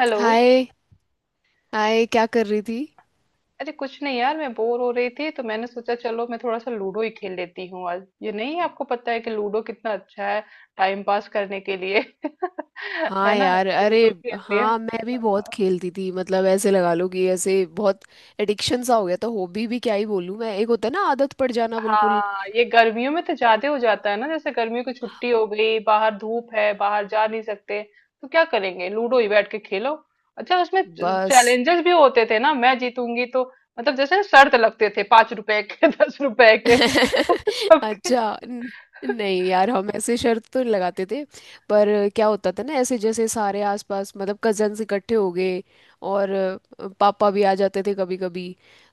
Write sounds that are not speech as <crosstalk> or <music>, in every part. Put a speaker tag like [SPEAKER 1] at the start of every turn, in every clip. [SPEAKER 1] Hello.
[SPEAKER 2] Hi. Hi, क्या कर रही थी?
[SPEAKER 1] अरे कुछ नहीं यार मैं बोर हो रही थी तो मैंने सोचा चलो मैं थोड़ा सा लूडो ही खेल लेती हूँ। आज ये नहीं है आपको पता है कि लूडो कितना अच्छा है टाइम पास करने के लिए। <laughs> है
[SPEAKER 2] हाँ
[SPEAKER 1] ना
[SPEAKER 2] यार। अरे।
[SPEAKER 1] लूडो खेल लिए।
[SPEAKER 2] हाँ, मैं भी बहुत खेलती थी। मतलब ऐसे लगा लो कि ऐसे बहुत एडिक्शन सा हो गया। तो हॉबी भी क्या ही बोलूँ मैं, एक होता है ना आदत पड़ जाना, बिल्कुल।
[SPEAKER 1] हाँ ये गर्मियों में तो ज्यादा हो जाता है ना, जैसे गर्मियों की छुट्टी हो गई, बाहर धूप है, बाहर जा नहीं सकते तो क्या करेंगे, लूडो ही बैठ के खेलो। अच्छा उसमें
[SPEAKER 2] बस।
[SPEAKER 1] चैलेंजेस भी होते थे ना, मैं जीतूंगी तो मतलब जैसे ना शर्त लगते थे, 5 रुपए के <laughs> 10 रुपए के <laughs>
[SPEAKER 2] <laughs>
[SPEAKER 1] सबके।
[SPEAKER 2] अच्छा। नहीं यार, हम ऐसे शर्त तो नहीं लगाते थे। पर क्या होता था ना, ऐसे जैसे सारे आसपास मतलब कजन्स इकट्ठे हो गए। और पापा भी आ जाते थे कभी कभी।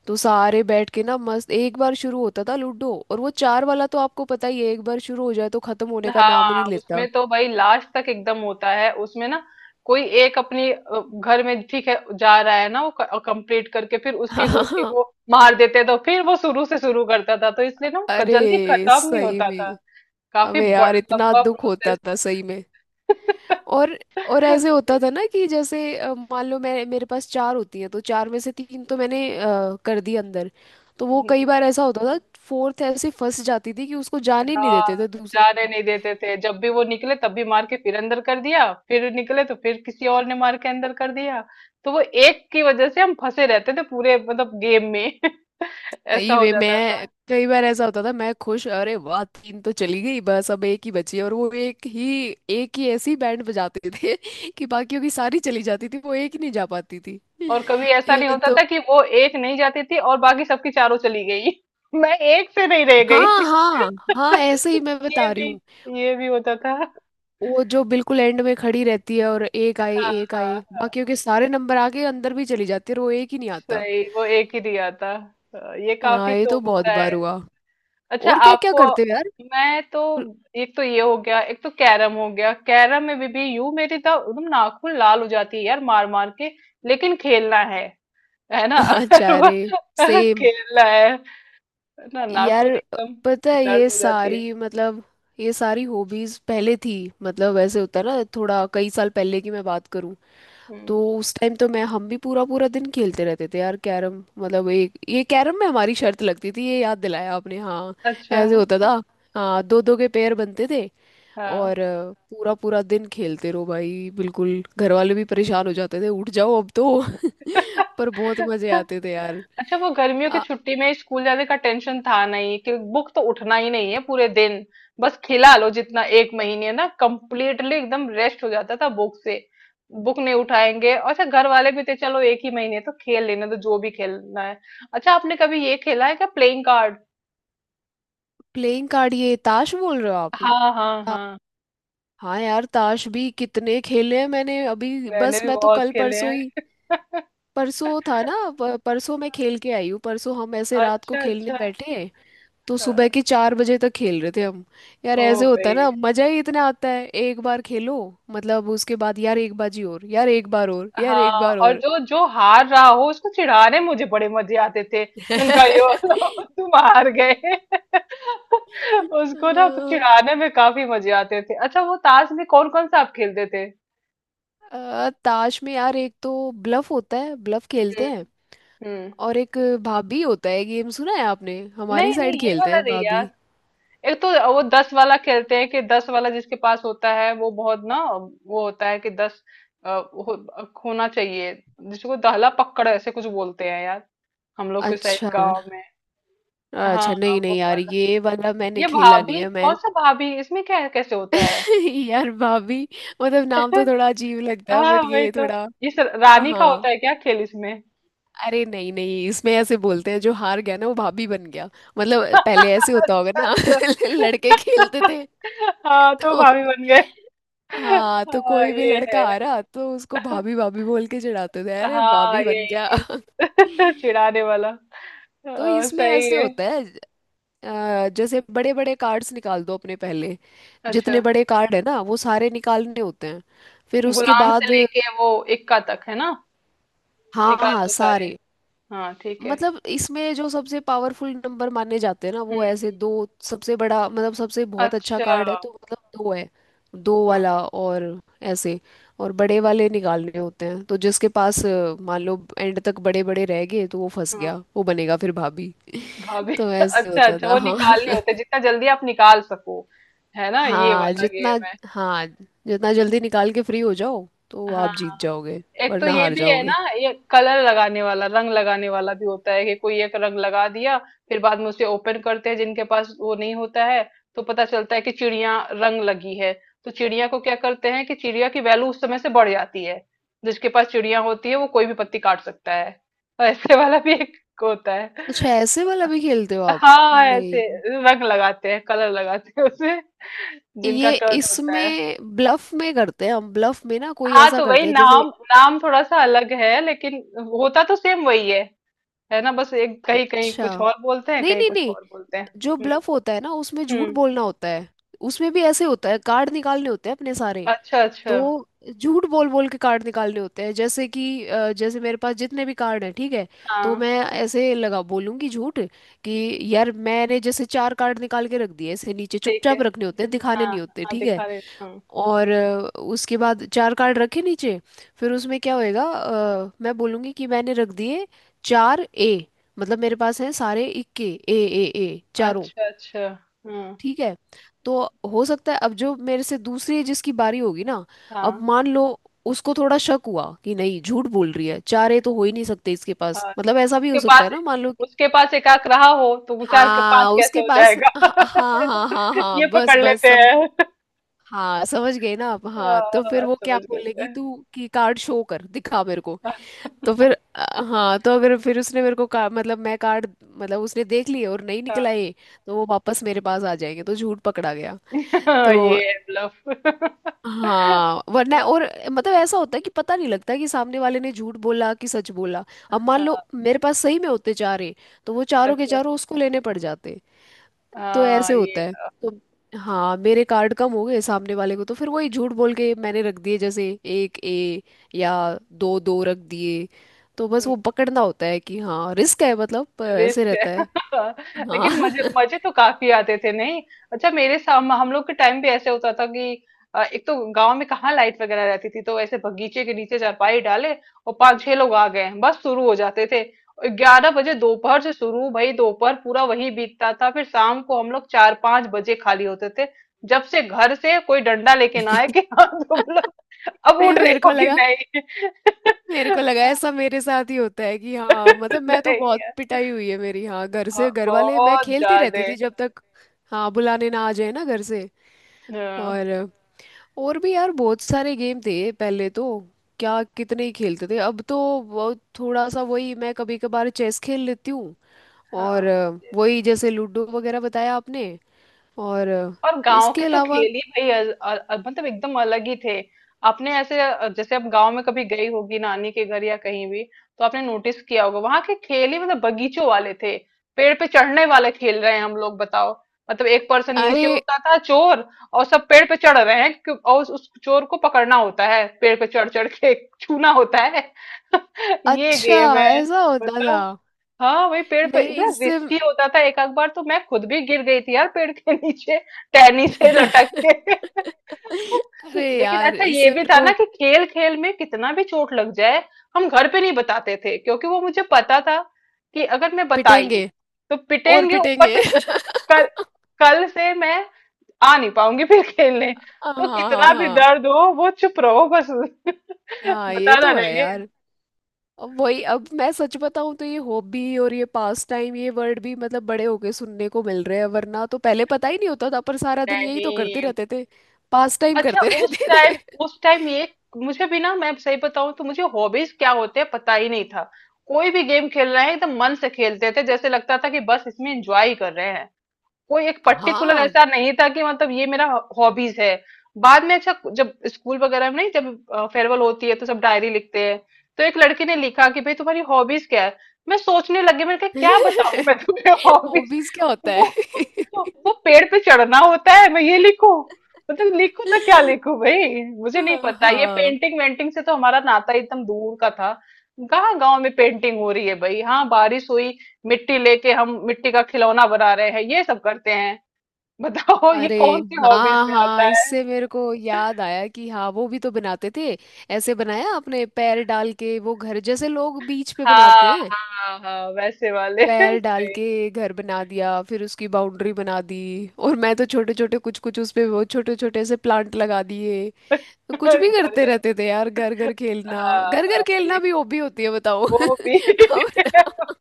[SPEAKER 2] तो सारे बैठ के ना मस्त एक बार शुरू होता था लूडो, और वो चार वाला तो आपको पता ही है, एक बार शुरू हो जाए तो खत्म होने का नाम ही
[SPEAKER 1] हाँ
[SPEAKER 2] नहीं लेता।
[SPEAKER 1] उसमें तो भाई लास्ट तक एकदम होता है उसमें ना, कोई एक अपनी घर में ठीक है जा रहा है ना, वो कंप्लीट करके फिर
[SPEAKER 2] <laughs>
[SPEAKER 1] उसकी गोटी
[SPEAKER 2] हाँ।
[SPEAKER 1] को मार देते तो फिर वो शुरू से शुरू करता था, तो इसलिए ना वो जल्दी
[SPEAKER 2] अरे,
[SPEAKER 1] खत्म नहीं
[SPEAKER 2] सही
[SPEAKER 1] होता था।
[SPEAKER 2] में।
[SPEAKER 1] काफी
[SPEAKER 2] अबे यार, इतना
[SPEAKER 1] लंबा
[SPEAKER 2] दुख
[SPEAKER 1] प्रोसेस।
[SPEAKER 2] होता था सही में। और और ऐसे होता
[SPEAKER 1] <laughs>
[SPEAKER 2] था ना कि जैसे मान लो मैं, मेरे पास चार होती हैं, तो चार में से तीन तो मैंने कर दी अंदर। तो वो कई बार ऐसा होता था। फोर्थ ऐसे फंस जाती थी कि उसको जाने ही नहीं देते
[SPEAKER 1] हाँ,
[SPEAKER 2] थे दूसरे
[SPEAKER 1] जाने
[SPEAKER 2] लोग।
[SPEAKER 1] नहीं देते थे, जब भी वो निकले तब भी मार के फिर अंदर कर दिया, फिर निकले तो फिर किसी और ने मार के अंदर कर दिया। तो वो एक की वजह से हम फंसे रहते थे पूरे मतलब गेम में, ऐसा
[SPEAKER 2] सही
[SPEAKER 1] हो
[SPEAKER 2] में,
[SPEAKER 1] जाता
[SPEAKER 2] मैं
[SPEAKER 1] था।
[SPEAKER 2] कई बार ऐसा होता था, मैं खुश, अरे वाह तीन तो चली गई, बस अब एक ही बची है। और वो एक ही, एक ही ऐसी बैंड बजाते थे <laughs> कि बाकियों की सारी चली जाती थी, वो एक ही नहीं जा पाती थी। <laughs>
[SPEAKER 1] और कभी ऐसा नहीं
[SPEAKER 2] ये
[SPEAKER 1] होता
[SPEAKER 2] तो।
[SPEAKER 1] था कि वो एक नहीं जाती थी और बाकी सबकी चारों चली गई। <laughs> मैं एक से नहीं रह गई।
[SPEAKER 2] हाँ हाँ हाँ, ऐसे ही मैं
[SPEAKER 1] <laughs> ये
[SPEAKER 2] बता रही
[SPEAKER 1] भी
[SPEAKER 2] हूँ।
[SPEAKER 1] ये भी होता था।
[SPEAKER 2] वो जो बिल्कुल एंड में खड़ी रहती है, और
[SPEAKER 1] हाँ
[SPEAKER 2] एक
[SPEAKER 1] हाँ,
[SPEAKER 2] आए बाकियों के सारे नंबर आके अंदर भी चली जाती है, और वो एक ही नहीं आता।
[SPEAKER 1] सही, वो एक ही दिया था। ये
[SPEAKER 2] हाँ,
[SPEAKER 1] काफी
[SPEAKER 2] ये
[SPEAKER 1] तो
[SPEAKER 2] तो बहुत
[SPEAKER 1] होता
[SPEAKER 2] बार
[SPEAKER 1] है।
[SPEAKER 2] हुआ।
[SPEAKER 1] अच्छा
[SPEAKER 2] और क्या क्या
[SPEAKER 1] आपको,
[SPEAKER 2] करते हो यार?
[SPEAKER 1] मैं तो एक तो ये हो गया, एक तो कैरम हो गया। कैरम में भी यू मेरी तो एकदम नाखून लाल हो जाती है यार, मार मार के, लेकिन खेलना है ना।
[SPEAKER 2] <laughs> अच्छा। अरे
[SPEAKER 1] <laughs>
[SPEAKER 2] सेम
[SPEAKER 1] खेलना है ना,
[SPEAKER 2] यार।
[SPEAKER 1] नाख़ून एकदम
[SPEAKER 2] पता है
[SPEAKER 1] दर्द
[SPEAKER 2] ये
[SPEAKER 1] हो जाती है।
[SPEAKER 2] सारी, मतलब ये सारी हॉबीज पहले थी। मतलब ऐसे होता है ना, थोड़ा कई साल पहले की मैं बात करूं। तो
[SPEAKER 1] हुँ,
[SPEAKER 2] उस टाइम तो मैं, हम भी पूरा पूरा दिन खेलते रहते थे यार कैरम। मतलब एक ये कैरम में हमारी शर्त लगती थी, ये याद दिलाया आपने। हाँ।
[SPEAKER 1] अच्छा,
[SPEAKER 2] ऐसे होता था। हाँ, दो दो के पेयर बनते थे।
[SPEAKER 1] हाँ।
[SPEAKER 2] और पूरा पूरा दिन खेलते रहो भाई, बिल्कुल घर वाले भी परेशान हो जाते थे, उठ जाओ अब तो। <laughs> पर बहुत मजे
[SPEAKER 1] <laughs>
[SPEAKER 2] आते थे यार।
[SPEAKER 1] अच्छा वो गर्मियों की छुट्टी में स्कूल जाने का टेंशन था नहीं कि बुक तो उठना ही नहीं है पूरे दिन, बस खिला लो जितना। 1 महीने ना कंप्लीटली एकदम रेस्ट हो जाता था बुक से। बुक नहीं उठाएँगे, अच्छा घर वाले भी थे, चलो 1 ही महीने तो खेल लेने दो जो भी खेलना है। अच्छा आपने कभी ये खेला है क्या, प्लेइंग कार्ड?
[SPEAKER 2] Playing card? ये ताश बोल रहे हो आप?
[SPEAKER 1] हाँ, हाँ,
[SPEAKER 2] आ,
[SPEAKER 1] हाँ।
[SPEAKER 2] हाँ यार, ताश भी कितने खेले हैं मैंने। अभी
[SPEAKER 1] मैंने
[SPEAKER 2] बस
[SPEAKER 1] भी
[SPEAKER 2] मैं तो
[SPEAKER 1] बहुत
[SPEAKER 2] कल
[SPEAKER 1] खेले
[SPEAKER 2] परसों
[SPEAKER 1] हैं।
[SPEAKER 2] ही।
[SPEAKER 1] <laughs>
[SPEAKER 2] परसों था ना, परसों मैं खेल के आई हूँ। परसों हम ऐसे रात को
[SPEAKER 1] अच्छा,
[SPEAKER 2] खेलने
[SPEAKER 1] अच्छा।
[SPEAKER 2] बैठे। तो सुबह
[SPEAKER 1] हाँ,
[SPEAKER 2] के 4 बजे तक खेल रहे थे हम। यार
[SPEAKER 1] ओह
[SPEAKER 2] ऐसे होता
[SPEAKER 1] भाई!
[SPEAKER 2] है ना, मजा ही इतना आता है एक बार खेलो। मतलब उसके बाद यार एक बाजी और, यार एक बार और, यार
[SPEAKER 1] हाँ,
[SPEAKER 2] एक बार
[SPEAKER 1] और
[SPEAKER 2] और।
[SPEAKER 1] जो जो हार रहा हो उसको चिढ़ाने में मुझे बड़े मजे आते थे। मैंने कहा, यो लो, तुम हार गए। <laughs> उसको ना तो
[SPEAKER 2] <laughs>
[SPEAKER 1] चिढ़ाने में काफी मजे आते थे। अच्छा वो ताश में कौन कौन सा आप खेलते थे?
[SPEAKER 2] ताश में यार, एक तो ब्लफ होता है, ब्लफ
[SPEAKER 1] हम्म
[SPEAKER 2] खेलते हैं।
[SPEAKER 1] हम्म।
[SPEAKER 2] और एक भाभी होता है गेम, सुना है आपने? हमारी
[SPEAKER 1] नहीं
[SPEAKER 2] साइड
[SPEAKER 1] नहीं ये
[SPEAKER 2] खेलते
[SPEAKER 1] वाला
[SPEAKER 2] हैं
[SPEAKER 1] नहीं यार।
[SPEAKER 2] भाभी।
[SPEAKER 1] एक तो वो दस वाला खेलते हैं, कि दस वाला जिसके पास होता है वो बहुत, ना वो होता है कि दस हो, होना चाहिए, जिसको दहला पकड़ ऐसे कुछ बोलते हैं यार, हम लोग के साइड
[SPEAKER 2] अच्छा
[SPEAKER 1] गांव में। हाँ
[SPEAKER 2] अच्छा।
[SPEAKER 1] हाँ,
[SPEAKER 2] नहीं
[SPEAKER 1] वो
[SPEAKER 2] नहीं यार,
[SPEAKER 1] वाला।
[SPEAKER 2] ये वाला मैंने
[SPEAKER 1] ये
[SPEAKER 2] खेला नहीं
[SPEAKER 1] भाभी,
[SPEAKER 2] है मैं।
[SPEAKER 1] कौन सा भाभी, इसमें क्या कैसे होता है?
[SPEAKER 2] <laughs> यार भाभी, मतलब नाम तो
[SPEAKER 1] <laughs>
[SPEAKER 2] थोड़ा अजीब लगता है,
[SPEAKER 1] हाँ
[SPEAKER 2] बट
[SPEAKER 1] वही
[SPEAKER 2] ये
[SPEAKER 1] तो,
[SPEAKER 2] थोड़ा।
[SPEAKER 1] इस रानी का
[SPEAKER 2] हाँ।
[SPEAKER 1] होता है क्या खेल इसमें? <laughs>
[SPEAKER 2] अरे नहीं नहीं, इसमें ऐसे बोलते हैं, जो हार गया ना वो भाभी बन गया। मतलब
[SPEAKER 1] अच्छा
[SPEAKER 2] पहले ऐसे होता होगा ना।
[SPEAKER 1] अच्छा।
[SPEAKER 2] <laughs> लड़के खेलते थे
[SPEAKER 1] <laughs> हाँ तो
[SPEAKER 2] तो।
[SPEAKER 1] भाभी बन गए।
[SPEAKER 2] हाँ, तो
[SPEAKER 1] हाँ
[SPEAKER 2] कोई भी
[SPEAKER 1] ये
[SPEAKER 2] लड़का
[SPEAKER 1] है,
[SPEAKER 2] आ रहा तो उसको भाभी भाभी बोल के चिढ़ाते थे, अरे
[SPEAKER 1] हाँ
[SPEAKER 2] भाभी
[SPEAKER 1] ये
[SPEAKER 2] बन गया। <laughs>
[SPEAKER 1] <laughs> ये। चिढ़ाने वाला,
[SPEAKER 2] तो
[SPEAKER 1] हाँ,
[SPEAKER 2] इसमें
[SPEAKER 1] सही
[SPEAKER 2] ऐसे
[SPEAKER 1] है।
[SPEAKER 2] होता है, जैसे बड़े बड़े कार्ड्स निकाल दो अपने पहले।
[SPEAKER 1] अच्छा,
[SPEAKER 2] जितने बड़े कार्ड है ना, वो सारे निकालने होते हैं, फिर उसके
[SPEAKER 1] गुलाम से
[SPEAKER 2] बाद।
[SPEAKER 1] लेके वो इक्का तक, है ना,
[SPEAKER 2] हाँ
[SPEAKER 1] निकाल
[SPEAKER 2] हाँ,
[SPEAKER 1] दो सारे।
[SPEAKER 2] सारे।
[SPEAKER 1] हाँ ठीक है।
[SPEAKER 2] मतलब इसमें जो सबसे पावरफुल नंबर माने जाते हैं ना,
[SPEAKER 1] हम्म
[SPEAKER 2] वो ऐसे
[SPEAKER 1] हम्म।
[SPEAKER 2] दो। सबसे बड़ा मतलब सबसे बहुत अच्छा
[SPEAKER 1] अच्छा।
[SPEAKER 2] कार्ड है तो मतलब दो है। दो वाला
[SPEAKER 1] हाँ,
[SPEAKER 2] और ऐसे, और बड़े वाले निकालने होते हैं, तो जिसके पास मान लो एंड तक बड़े बड़े रह गए, तो वो फंस
[SPEAKER 1] हाँ,
[SPEAKER 2] गया, वो बनेगा फिर भाभी।
[SPEAKER 1] भाभी।
[SPEAKER 2] <laughs> तो
[SPEAKER 1] <laughs>
[SPEAKER 2] ऐसे
[SPEAKER 1] अच्छा
[SPEAKER 2] होता
[SPEAKER 1] अच्छा,
[SPEAKER 2] था
[SPEAKER 1] वो
[SPEAKER 2] हाँ।
[SPEAKER 1] निकालने
[SPEAKER 2] <laughs>
[SPEAKER 1] होते हैं, जितना जल्दी आप निकाल सको, है ना, ये
[SPEAKER 2] हाँ
[SPEAKER 1] वाला
[SPEAKER 2] जितना
[SPEAKER 1] गेम है।
[SPEAKER 2] हाँ, जितना जल्दी निकाल के फ्री हो जाओ तो
[SPEAKER 1] हाँ,
[SPEAKER 2] आप जीत जाओगे,
[SPEAKER 1] एक तो
[SPEAKER 2] वरना
[SPEAKER 1] ये
[SPEAKER 2] हार
[SPEAKER 1] भी है ना,
[SPEAKER 2] जाओगे।
[SPEAKER 1] ये कलर लगाने वाला, रंग लगाने वाला भी होता है कि कोई एक रंग लगा दिया, फिर बाद में उसे ओपन करते हैं जिनके पास वो नहीं होता है, तो पता चलता है कि चिड़िया रंग लगी है। तो चिड़िया को क्या करते हैं कि चिड़िया की वैल्यू उस समय से बढ़ जाती है। जिसके पास चिड़िया होती है वो कोई भी पत्ती काट सकता है। <laughs> और ऐसे वाला भी एक होता
[SPEAKER 2] अच्छा,
[SPEAKER 1] है।
[SPEAKER 2] ऐसे वाला भी खेलते हो आप?
[SPEAKER 1] हाँ, ऐसे
[SPEAKER 2] नहीं।
[SPEAKER 1] रंग लगाते हैं, कलर लगाते हैं उसे, जिनका
[SPEAKER 2] ये
[SPEAKER 1] टर्न होता है।
[SPEAKER 2] इसमें ब्लफ में करते हैं हम, ब्लफ में ना कोई
[SPEAKER 1] हाँ,
[SPEAKER 2] ऐसा
[SPEAKER 1] तो वही
[SPEAKER 2] करते हैं जैसे।
[SPEAKER 1] नाम नाम थोड़ा-सा अलग है, लेकिन होता तो सेम वही है ना? बस एक कहीं-कहीं
[SPEAKER 2] अच्छा।
[SPEAKER 1] कुछ और बोलते हैं,
[SPEAKER 2] नहीं
[SPEAKER 1] कहीं
[SPEAKER 2] नहीं
[SPEAKER 1] कुछ
[SPEAKER 2] नहीं,
[SPEAKER 1] और बोलते हैं।
[SPEAKER 2] जो
[SPEAKER 1] हुँ,
[SPEAKER 2] ब्लफ होता है ना, उसमें
[SPEAKER 1] हुँ।
[SPEAKER 2] झूठ बोलना होता है। उसमें भी ऐसे होता है, कार्ड निकालने होते हैं अपने सारे।
[SPEAKER 1] अच्छा, अच्छा।
[SPEAKER 2] तो झूठ बोल बोल के कार्ड निकालने होते हैं, जैसे कि जैसे मेरे पास जितने भी कार्ड हैं, ठीक है। तो
[SPEAKER 1] हाँ,
[SPEAKER 2] मैं ऐसे लगा बोलूंगी झूठ, कि यार मैंने जैसे चार कार्ड निकाल के रख दिए, ऐसे नीचे
[SPEAKER 1] ठीक है।
[SPEAKER 2] चुपचाप रखने होते हैं,
[SPEAKER 1] हाँ,
[SPEAKER 2] दिखाने नहीं
[SPEAKER 1] हाँ,
[SPEAKER 2] होते,
[SPEAKER 1] हाँ,
[SPEAKER 2] ठीक है।
[SPEAKER 1] दिखा रहे हुँ।
[SPEAKER 2] और उसके बाद चार कार्ड रखे नीचे। फिर उसमें क्या होएगा, मैं बोलूँगी कि मैंने रख दिए चार ए। मतलब मेरे पास हैं सारे इक्के, ए ए ए चारों,
[SPEAKER 1] अच्छा, अच्छा। हुँ,
[SPEAKER 2] ठीक है। तो हो सकता है, अब जो मेरे से दूसरी जिसकी बारी होगी ना, अब
[SPEAKER 1] हाँ,
[SPEAKER 2] मान लो उसको थोड़ा शक हुआ कि नहीं झूठ बोल रही है, चार ए तो हो ही नहीं सकते इसके पास,
[SPEAKER 1] हाँ।
[SPEAKER 2] मतलब ऐसा भी
[SPEAKER 1] उसके
[SPEAKER 2] हो सकता
[SPEAKER 1] पास
[SPEAKER 2] है ना, मान लो कि।
[SPEAKER 1] उसके पास 1 आंख रहा हो तो 4 के 5
[SPEAKER 2] हाँ,
[SPEAKER 1] कैसे
[SPEAKER 2] उसके
[SPEAKER 1] हो
[SPEAKER 2] पास।
[SPEAKER 1] जाएगा?
[SPEAKER 2] हाँ
[SPEAKER 1] <laughs>
[SPEAKER 2] हाँ
[SPEAKER 1] है
[SPEAKER 2] हाँ
[SPEAKER 1] ना?
[SPEAKER 2] हाँ हाँ,
[SPEAKER 1] ये
[SPEAKER 2] बस
[SPEAKER 1] पकड़
[SPEAKER 2] बस
[SPEAKER 1] लेते
[SPEAKER 2] समझ।
[SPEAKER 1] हैं।
[SPEAKER 2] हाँ समझ गई ना आप।
[SPEAKER 1] हाँ
[SPEAKER 2] हाँ तो फिर
[SPEAKER 1] हाँ,
[SPEAKER 2] वो क्या
[SPEAKER 1] समझ गई
[SPEAKER 2] बोलेगी
[SPEAKER 1] मैं।
[SPEAKER 2] तू कि कार्ड शो कर दिखा मेरे को।
[SPEAKER 1] हाँ।
[SPEAKER 2] तो फिर हाँ, तो अगर फिर उसने मेरे को मतलब मैं कार्ड, मतलब उसने देख लिए और नहीं निकला ये, तो वो वापस मेरे पास आ जाएंगे, तो झूठ पकड़ा गया।
[SPEAKER 1] <laughs> हाँ,
[SPEAKER 2] तो
[SPEAKER 1] ये है ब्लफ। <laughs>
[SPEAKER 2] हाँ, वरना और, मतलब ऐसा होता है कि पता नहीं लगता कि सामने वाले ने झूठ बोला कि सच बोला। अब मान लो
[SPEAKER 1] हाँ।
[SPEAKER 2] मेरे पास सही में होते चार है, तो वो चारों के
[SPEAKER 1] अच्छा।
[SPEAKER 2] चारों उसको लेने पड़ जाते। तो ऐसे
[SPEAKER 1] हाँ
[SPEAKER 2] होता
[SPEAKER 1] ये,
[SPEAKER 2] है तो, हाँ मेरे कार्ड कम हो गए सामने वाले को, तो फिर वही झूठ बोल के मैंने रख दिए, जैसे एक ए, या दो दो रख दिए। तो बस
[SPEAKER 1] हम्म,
[SPEAKER 2] वो पकड़ना होता है, कि हाँ रिस्क है मतलब, पर ऐसे
[SPEAKER 1] रिस्क
[SPEAKER 2] रहता है।
[SPEAKER 1] है। <laughs> लेकिन मजे
[SPEAKER 2] हाँ।
[SPEAKER 1] मजे तो काफी आते थे, नहीं? अच्छा मेरे साम हम लोग के टाइम भी ऐसे होता था कि एक तो गांव में कहाँ लाइट वगैरह रहती थी, तो ऐसे बगीचे के नीचे चारपाई डाले और पांच छह लोग आ गए, बस शुरू हो जाते थे। और 11 बजे दोपहर से शुरू, भाई दोपहर पूरा वही बीतता था, फिर शाम को हम लोग 4 5 बजे खाली होते थे, जब से घर से कोई डंडा लेके ना आए कि <laughs>
[SPEAKER 2] <laughs>
[SPEAKER 1] हाँ तुम लोग अब
[SPEAKER 2] नहीं,
[SPEAKER 1] उठ रहे हो कि नहीं।
[SPEAKER 2] मेरे को
[SPEAKER 1] <laughs>
[SPEAKER 2] लगा ऐसा मेरे साथ ही होता है कि हाँ, मतलब मैं तो
[SPEAKER 1] नहीं
[SPEAKER 2] बहुत
[SPEAKER 1] यार,
[SPEAKER 2] पिटाई हुई है मेरी, हाँ घर
[SPEAKER 1] हाँ,
[SPEAKER 2] से, घर वाले, मैं
[SPEAKER 1] बहुत
[SPEAKER 2] खेलती रहती
[SPEAKER 1] ज्यादा।
[SPEAKER 2] थी जब तक हाँ बुलाने ना आ जाए ना घर से।
[SPEAKER 1] हाँ
[SPEAKER 2] और और भी यार बहुत सारे गेम थे पहले तो, क्या कितने ही खेलते थे। अब तो वो थोड़ा सा वही, मैं कभी कभार चेस खेल लेती हूँ, और
[SPEAKER 1] हाँ, yes.
[SPEAKER 2] वही जैसे लूडो वगैरह बताया आपने। और
[SPEAKER 1] और गांव के
[SPEAKER 2] इसके
[SPEAKER 1] तो
[SPEAKER 2] अलावा।
[SPEAKER 1] खेल ही भाई मतलब एकदम अलग ही थे। आपने ऐसे, जैसे आप गांव में कभी गई होगी नानी के घर या कहीं भी, तो आपने नोटिस किया होगा वहां के खेल ही मतलब बगीचों वाले थे। पेड़ पे चढ़ने वाले खेल रहे हैं हम लोग, बताओ। मतलब एक पर्सन
[SPEAKER 2] अरे,
[SPEAKER 1] नीचे होता था, चोर, और सब पेड़ पे चढ़ रहे हैं और उस चोर को पकड़ना होता है पेड़ पे चढ़ चढ़ के, छूना होता है। <laughs> ये
[SPEAKER 2] अच्छा
[SPEAKER 1] गेम है,
[SPEAKER 2] ऐसा होता
[SPEAKER 1] बताओ।
[SPEAKER 2] था?
[SPEAKER 1] हाँ वही पेड़ पे,
[SPEAKER 2] नहीं,
[SPEAKER 1] इतना
[SPEAKER 2] इससे।
[SPEAKER 1] रिस्की होता था, एक आध बार तो मैं खुद भी गिर गई थी यार पेड़ के नीचे, टहनी से लटक
[SPEAKER 2] <laughs>
[SPEAKER 1] के। <laughs>
[SPEAKER 2] अरे
[SPEAKER 1] लेकिन
[SPEAKER 2] यार,
[SPEAKER 1] अच्छा ये
[SPEAKER 2] इससे
[SPEAKER 1] भी
[SPEAKER 2] मेरे
[SPEAKER 1] था ना
[SPEAKER 2] को
[SPEAKER 1] कि खेल खेल में कितना भी चोट लग जाए हम घर पे नहीं बताते थे, क्योंकि वो मुझे पता था कि अगर मैं बताई
[SPEAKER 2] पिटेंगे,
[SPEAKER 1] तो
[SPEAKER 2] और
[SPEAKER 1] पिटेंगे ऊपर
[SPEAKER 2] पिटेंगे।
[SPEAKER 1] से, कल,
[SPEAKER 2] <laughs>
[SPEAKER 1] कल से मैं आ नहीं पाऊंगी फिर खेलने,
[SPEAKER 2] हाँ
[SPEAKER 1] तो
[SPEAKER 2] हाँ
[SPEAKER 1] कितना भी
[SPEAKER 2] हाँ
[SPEAKER 1] दर्द हो वो चुप रहो बस, <laughs>
[SPEAKER 2] हाँ। ये
[SPEAKER 1] बताना
[SPEAKER 2] तो है
[SPEAKER 1] नहीं है।
[SPEAKER 2] यार। अब वही, अब मैं सच बताऊं तो, ये हॉबी और ये पास टाइम, ये वर्ड भी मतलब बड़े होके सुनने को मिल रहे हैं, वरना तो पहले पता ही नहीं होता था, पर सारा दिन यही तो करते
[SPEAKER 1] नहीं,
[SPEAKER 2] रहते थे। पास टाइम
[SPEAKER 1] अच्छा
[SPEAKER 2] करते <laughs>
[SPEAKER 1] उस
[SPEAKER 2] रहते थे।
[SPEAKER 1] टाइम, उस टाइम ये मुझे भी ना, मैं सही बताऊं तो, मुझे हॉबीज क्या होते हैं पता ही नहीं था। कोई भी गेम खेल रहे हैं एकदम मन से खेलते थे, जैसे लगता था कि बस इसमें एंजॉय ही कर रहे हैं। कोई एक पर्टिकुलर
[SPEAKER 2] हाँ।
[SPEAKER 1] ऐसा नहीं था कि मतलब ये मेरा हॉबीज है। बाद में, अच्छा जब स्कूल वगैरह में, नहीं जब फेयरवेल होती है तो सब डायरी लिखते हैं, तो एक लड़की ने लिखा कि भाई तुम्हारी हॉबीज क्या है। मैं सोचने लगी, मैंने कहा क्या बताऊं मैं
[SPEAKER 2] <laughs>
[SPEAKER 1] तुम्हें <laughs> हॉबीज,
[SPEAKER 2] हॉबीज क्या होता
[SPEAKER 1] वो
[SPEAKER 2] है?
[SPEAKER 1] वो पेड़ पे चढ़ना होता है मैं ये लिखूं, मतलब लिखूं तो क्या लिखूं
[SPEAKER 2] <laughs>
[SPEAKER 1] भाई, मुझे नहीं पता। ये
[SPEAKER 2] हाँ।
[SPEAKER 1] पेंटिंग वेंटिंग से तो हमारा नाता ही एकदम दूर का था, कहाँ गांव में पेंटिंग हो रही है भाई। हाँ बारिश हुई, मिट्टी लेके हम मिट्टी का खिलौना बना रहे हैं, ये सब करते हैं, बताओ ये
[SPEAKER 2] अरे
[SPEAKER 1] कौन सी हॉबीज
[SPEAKER 2] हाँ
[SPEAKER 1] में आता
[SPEAKER 2] हाँ,
[SPEAKER 1] है।
[SPEAKER 2] इससे मेरे को याद आया कि हाँ वो भी तो बनाते थे। ऐसे बनाया आपने पैर डाल के, वो घर जैसे लोग बीच पे बनाते
[SPEAKER 1] हाँ
[SPEAKER 2] हैं।
[SPEAKER 1] हाँ हाँ वैसे वाले। <laughs>
[SPEAKER 2] पैर डाल
[SPEAKER 1] सही।
[SPEAKER 2] के घर बना दिया, फिर उसकी बाउंड्री बना दी। और मैं तो छोटे छोटे कुछ कुछ उसपे, वो छोटे छोटे से प्लांट लगा दिए। तो कुछ भी
[SPEAKER 1] <laughs> घर
[SPEAKER 2] करते रहते
[SPEAKER 1] जैसे,
[SPEAKER 2] थे यार, घर घर खेलना।
[SPEAKER 1] हाँ
[SPEAKER 2] घर
[SPEAKER 1] हाँ
[SPEAKER 2] घर
[SPEAKER 1] ये,
[SPEAKER 2] खेलना भी हॉबी होती है बताओ। <laughs>
[SPEAKER 1] वो भी।
[SPEAKER 2] अब
[SPEAKER 1] <laughs>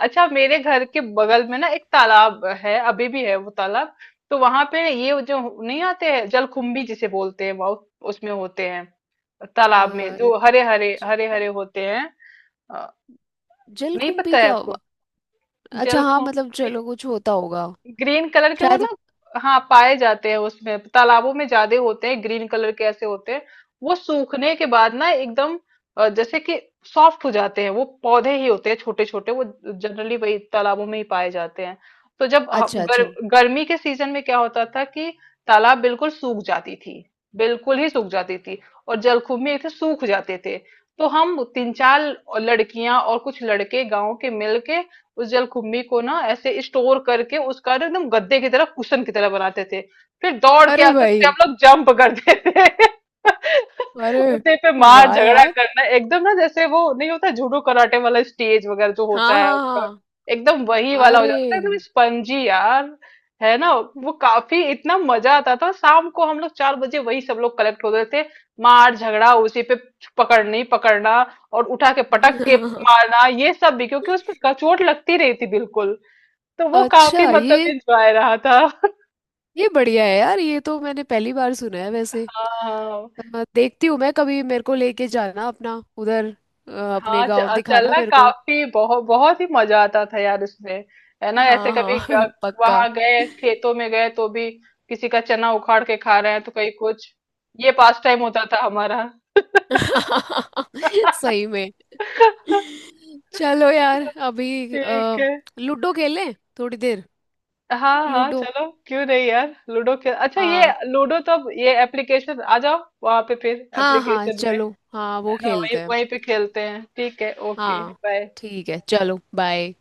[SPEAKER 1] अच्छा मेरे घर के बगल में ना एक तालाब है, अभी भी है वो तालाब। तो वहां पे ये जो, नहीं आते हैं, जलकुंभी जिसे बोलते हैं बहुत, उसमें होते हैं, तालाब में
[SPEAKER 2] अ,
[SPEAKER 1] जो हरे हरे हरे
[SPEAKER 2] जल
[SPEAKER 1] हरे होते हैं, अ, नहीं
[SPEAKER 2] जलकुंभी
[SPEAKER 1] पता है
[SPEAKER 2] क्या
[SPEAKER 1] आपको,
[SPEAKER 2] हुआ? अच्छा हाँ, मतलब
[SPEAKER 1] जलकुंभी,
[SPEAKER 2] चलो कुछ होता होगा
[SPEAKER 1] ग्रीन कलर के वो
[SPEAKER 2] शायद।
[SPEAKER 1] ना। हाँ पाए जाते हैं, उसमें तालाबों में ज्यादा होते हैं, ग्रीन कलर के ऐसे होते हैं। वो सूखने के बाद ना एकदम जैसे कि सॉफ्ट हो जाते हैं, वो पौधे ही होते हैं छोटे छोटे वो, जनरली वही तालाबों में ही पाए जाते हैं। तो जब
[SPEAKER 2] अच्छा अच्छा।
[SPEAKER 1] गर्मी के सीजन में क्या होता था कि तालाब बिल्कुल सूख जाती थी, बिल्कुल ही सूख जाती थी, और जलकुंभी थे सूख जाते थे। तो हम तीन चार लड़कियां और कुछ लड़के गांव के मिलके उस जलकुंभी को ना ऐसे स्टोर करके उसका ना एकदम गद्दे की तरह, कुशन की तरह बनाते थे, फिर दौड़ के
[SPEAKER 2] अरे
[SPEAKER 1] आके उस पे
[SPEAKER 2] भाई।
[SPEAKER 1] हम लोग जंप करते थे। <laughs>
[SPEAKER 2] अरे
[SPEAKER 1] उसे पे मार
[SPEAKER 2] वाह
[SPEAKER 1] झगड़ा
[SPEAKER 2] यार।
[SPEAKER 1] करना एकदम, ना जैसे वो नहीं होता जूडो कराटे वाला स्टेज वगैरह जो होता
[SPEAKER 2] हाँ
[SPEAKER 1] है
[SPEAKER 2] हाँ
[SPEAKER 1] उनका,
[SPEAKER 2] हाँ।
[SPEAKER 1] एकदम वही वाला हो
[SPEAKER 2] अरे।
[SPEAKER 1] जाता था, एकदम स्पंजी यार, है ना। वो काफी, इतना मजा आता था, शाम को हम लोग 4 बजे वही सब लोग कलेक्ट होते थे, मार झगड़ा उसी पे, पकड़नी पकड़ना और उठा के पटक के
[SPEAKER 2] <laughs>
[SPEAKER 1] मारना ये सब भी, क्योंकि उसमें चोट लगती रही थी बिल्कुल, तो वो काफी
[SPEAKER 2] अच्छा,
[SPEAKER 1] मतलब
[SPEAKER 2] ये
[SPEAKER 1] इंजॉय रहा था।
[SPEAKER 2] ये बढ़िया है यार, ये तो मैंने पहली बार सुना है वैसे।
[SPEAKER 1] हाँ
[SPEAKER 2] देखती हूँ मैं कभी, मेरे को लेके जाना अपना उधर, अपने
[SPEAKER 1] हाँ,
[SPEAKER 2] गांव दिखाना
[SPEAKER 1] चलना,
[SPEAKER 2] मेरे को।
[SPEAKER 1] काफी बहुत बहुत ही मजा आता था यार उसमें, है ना, ऐसे
[SPEAKER 2] हाँ
[SPEAKER 1] कभी
[SPEAKER 2] हाँ। <laughs> पक्का।
[SPEAKER 1] वहां गए खेतों में गए तो भी, किसी का चना उखाड़ के खा रहे हैं तो कहीं कुछ, ये पास टाइम होता था हमारा।
[SPEAKER 2] <laughs> सही में।
[SPEAKER 1] <laughs> ठीक
[SPEAKER 2] चलो यार, अभी
[SPEAKER 1] है।
[SPEAKER 2] लूडो खेलें थोड़ी देर।
[SPEAKER 1] हाँ हाँ
[SPEAKER 2] लूडो।
[SPEAKER 1] चलो, क्यों नहीं यार, लूडो खेल, अच्छा ये
[SPEAKER 2] हाँ
[SPEAKER 1] लूडो, तो अब ये एप्लीकेशन, आ जाओ वहां पे, फिर
[SPEAKER 2] हाँ हाँ
[SPEAKER 1] एप्लीकेशन,
[SPEAKER 2] चलो, हाँ
[SPEAKER 1] है
[SPEAKER 2] वो
[SPEAKER 1] ना वही
[SPEAKER 2] खेलते हैं।
[SPEAKER 1] वहीं पे खेलते हैं, ठीक है, ओके,
[SPEAKER 2] हाँ
[SPEAKER 1] बाय।
[SPEAKER 2] ठीक है, चलो बाय।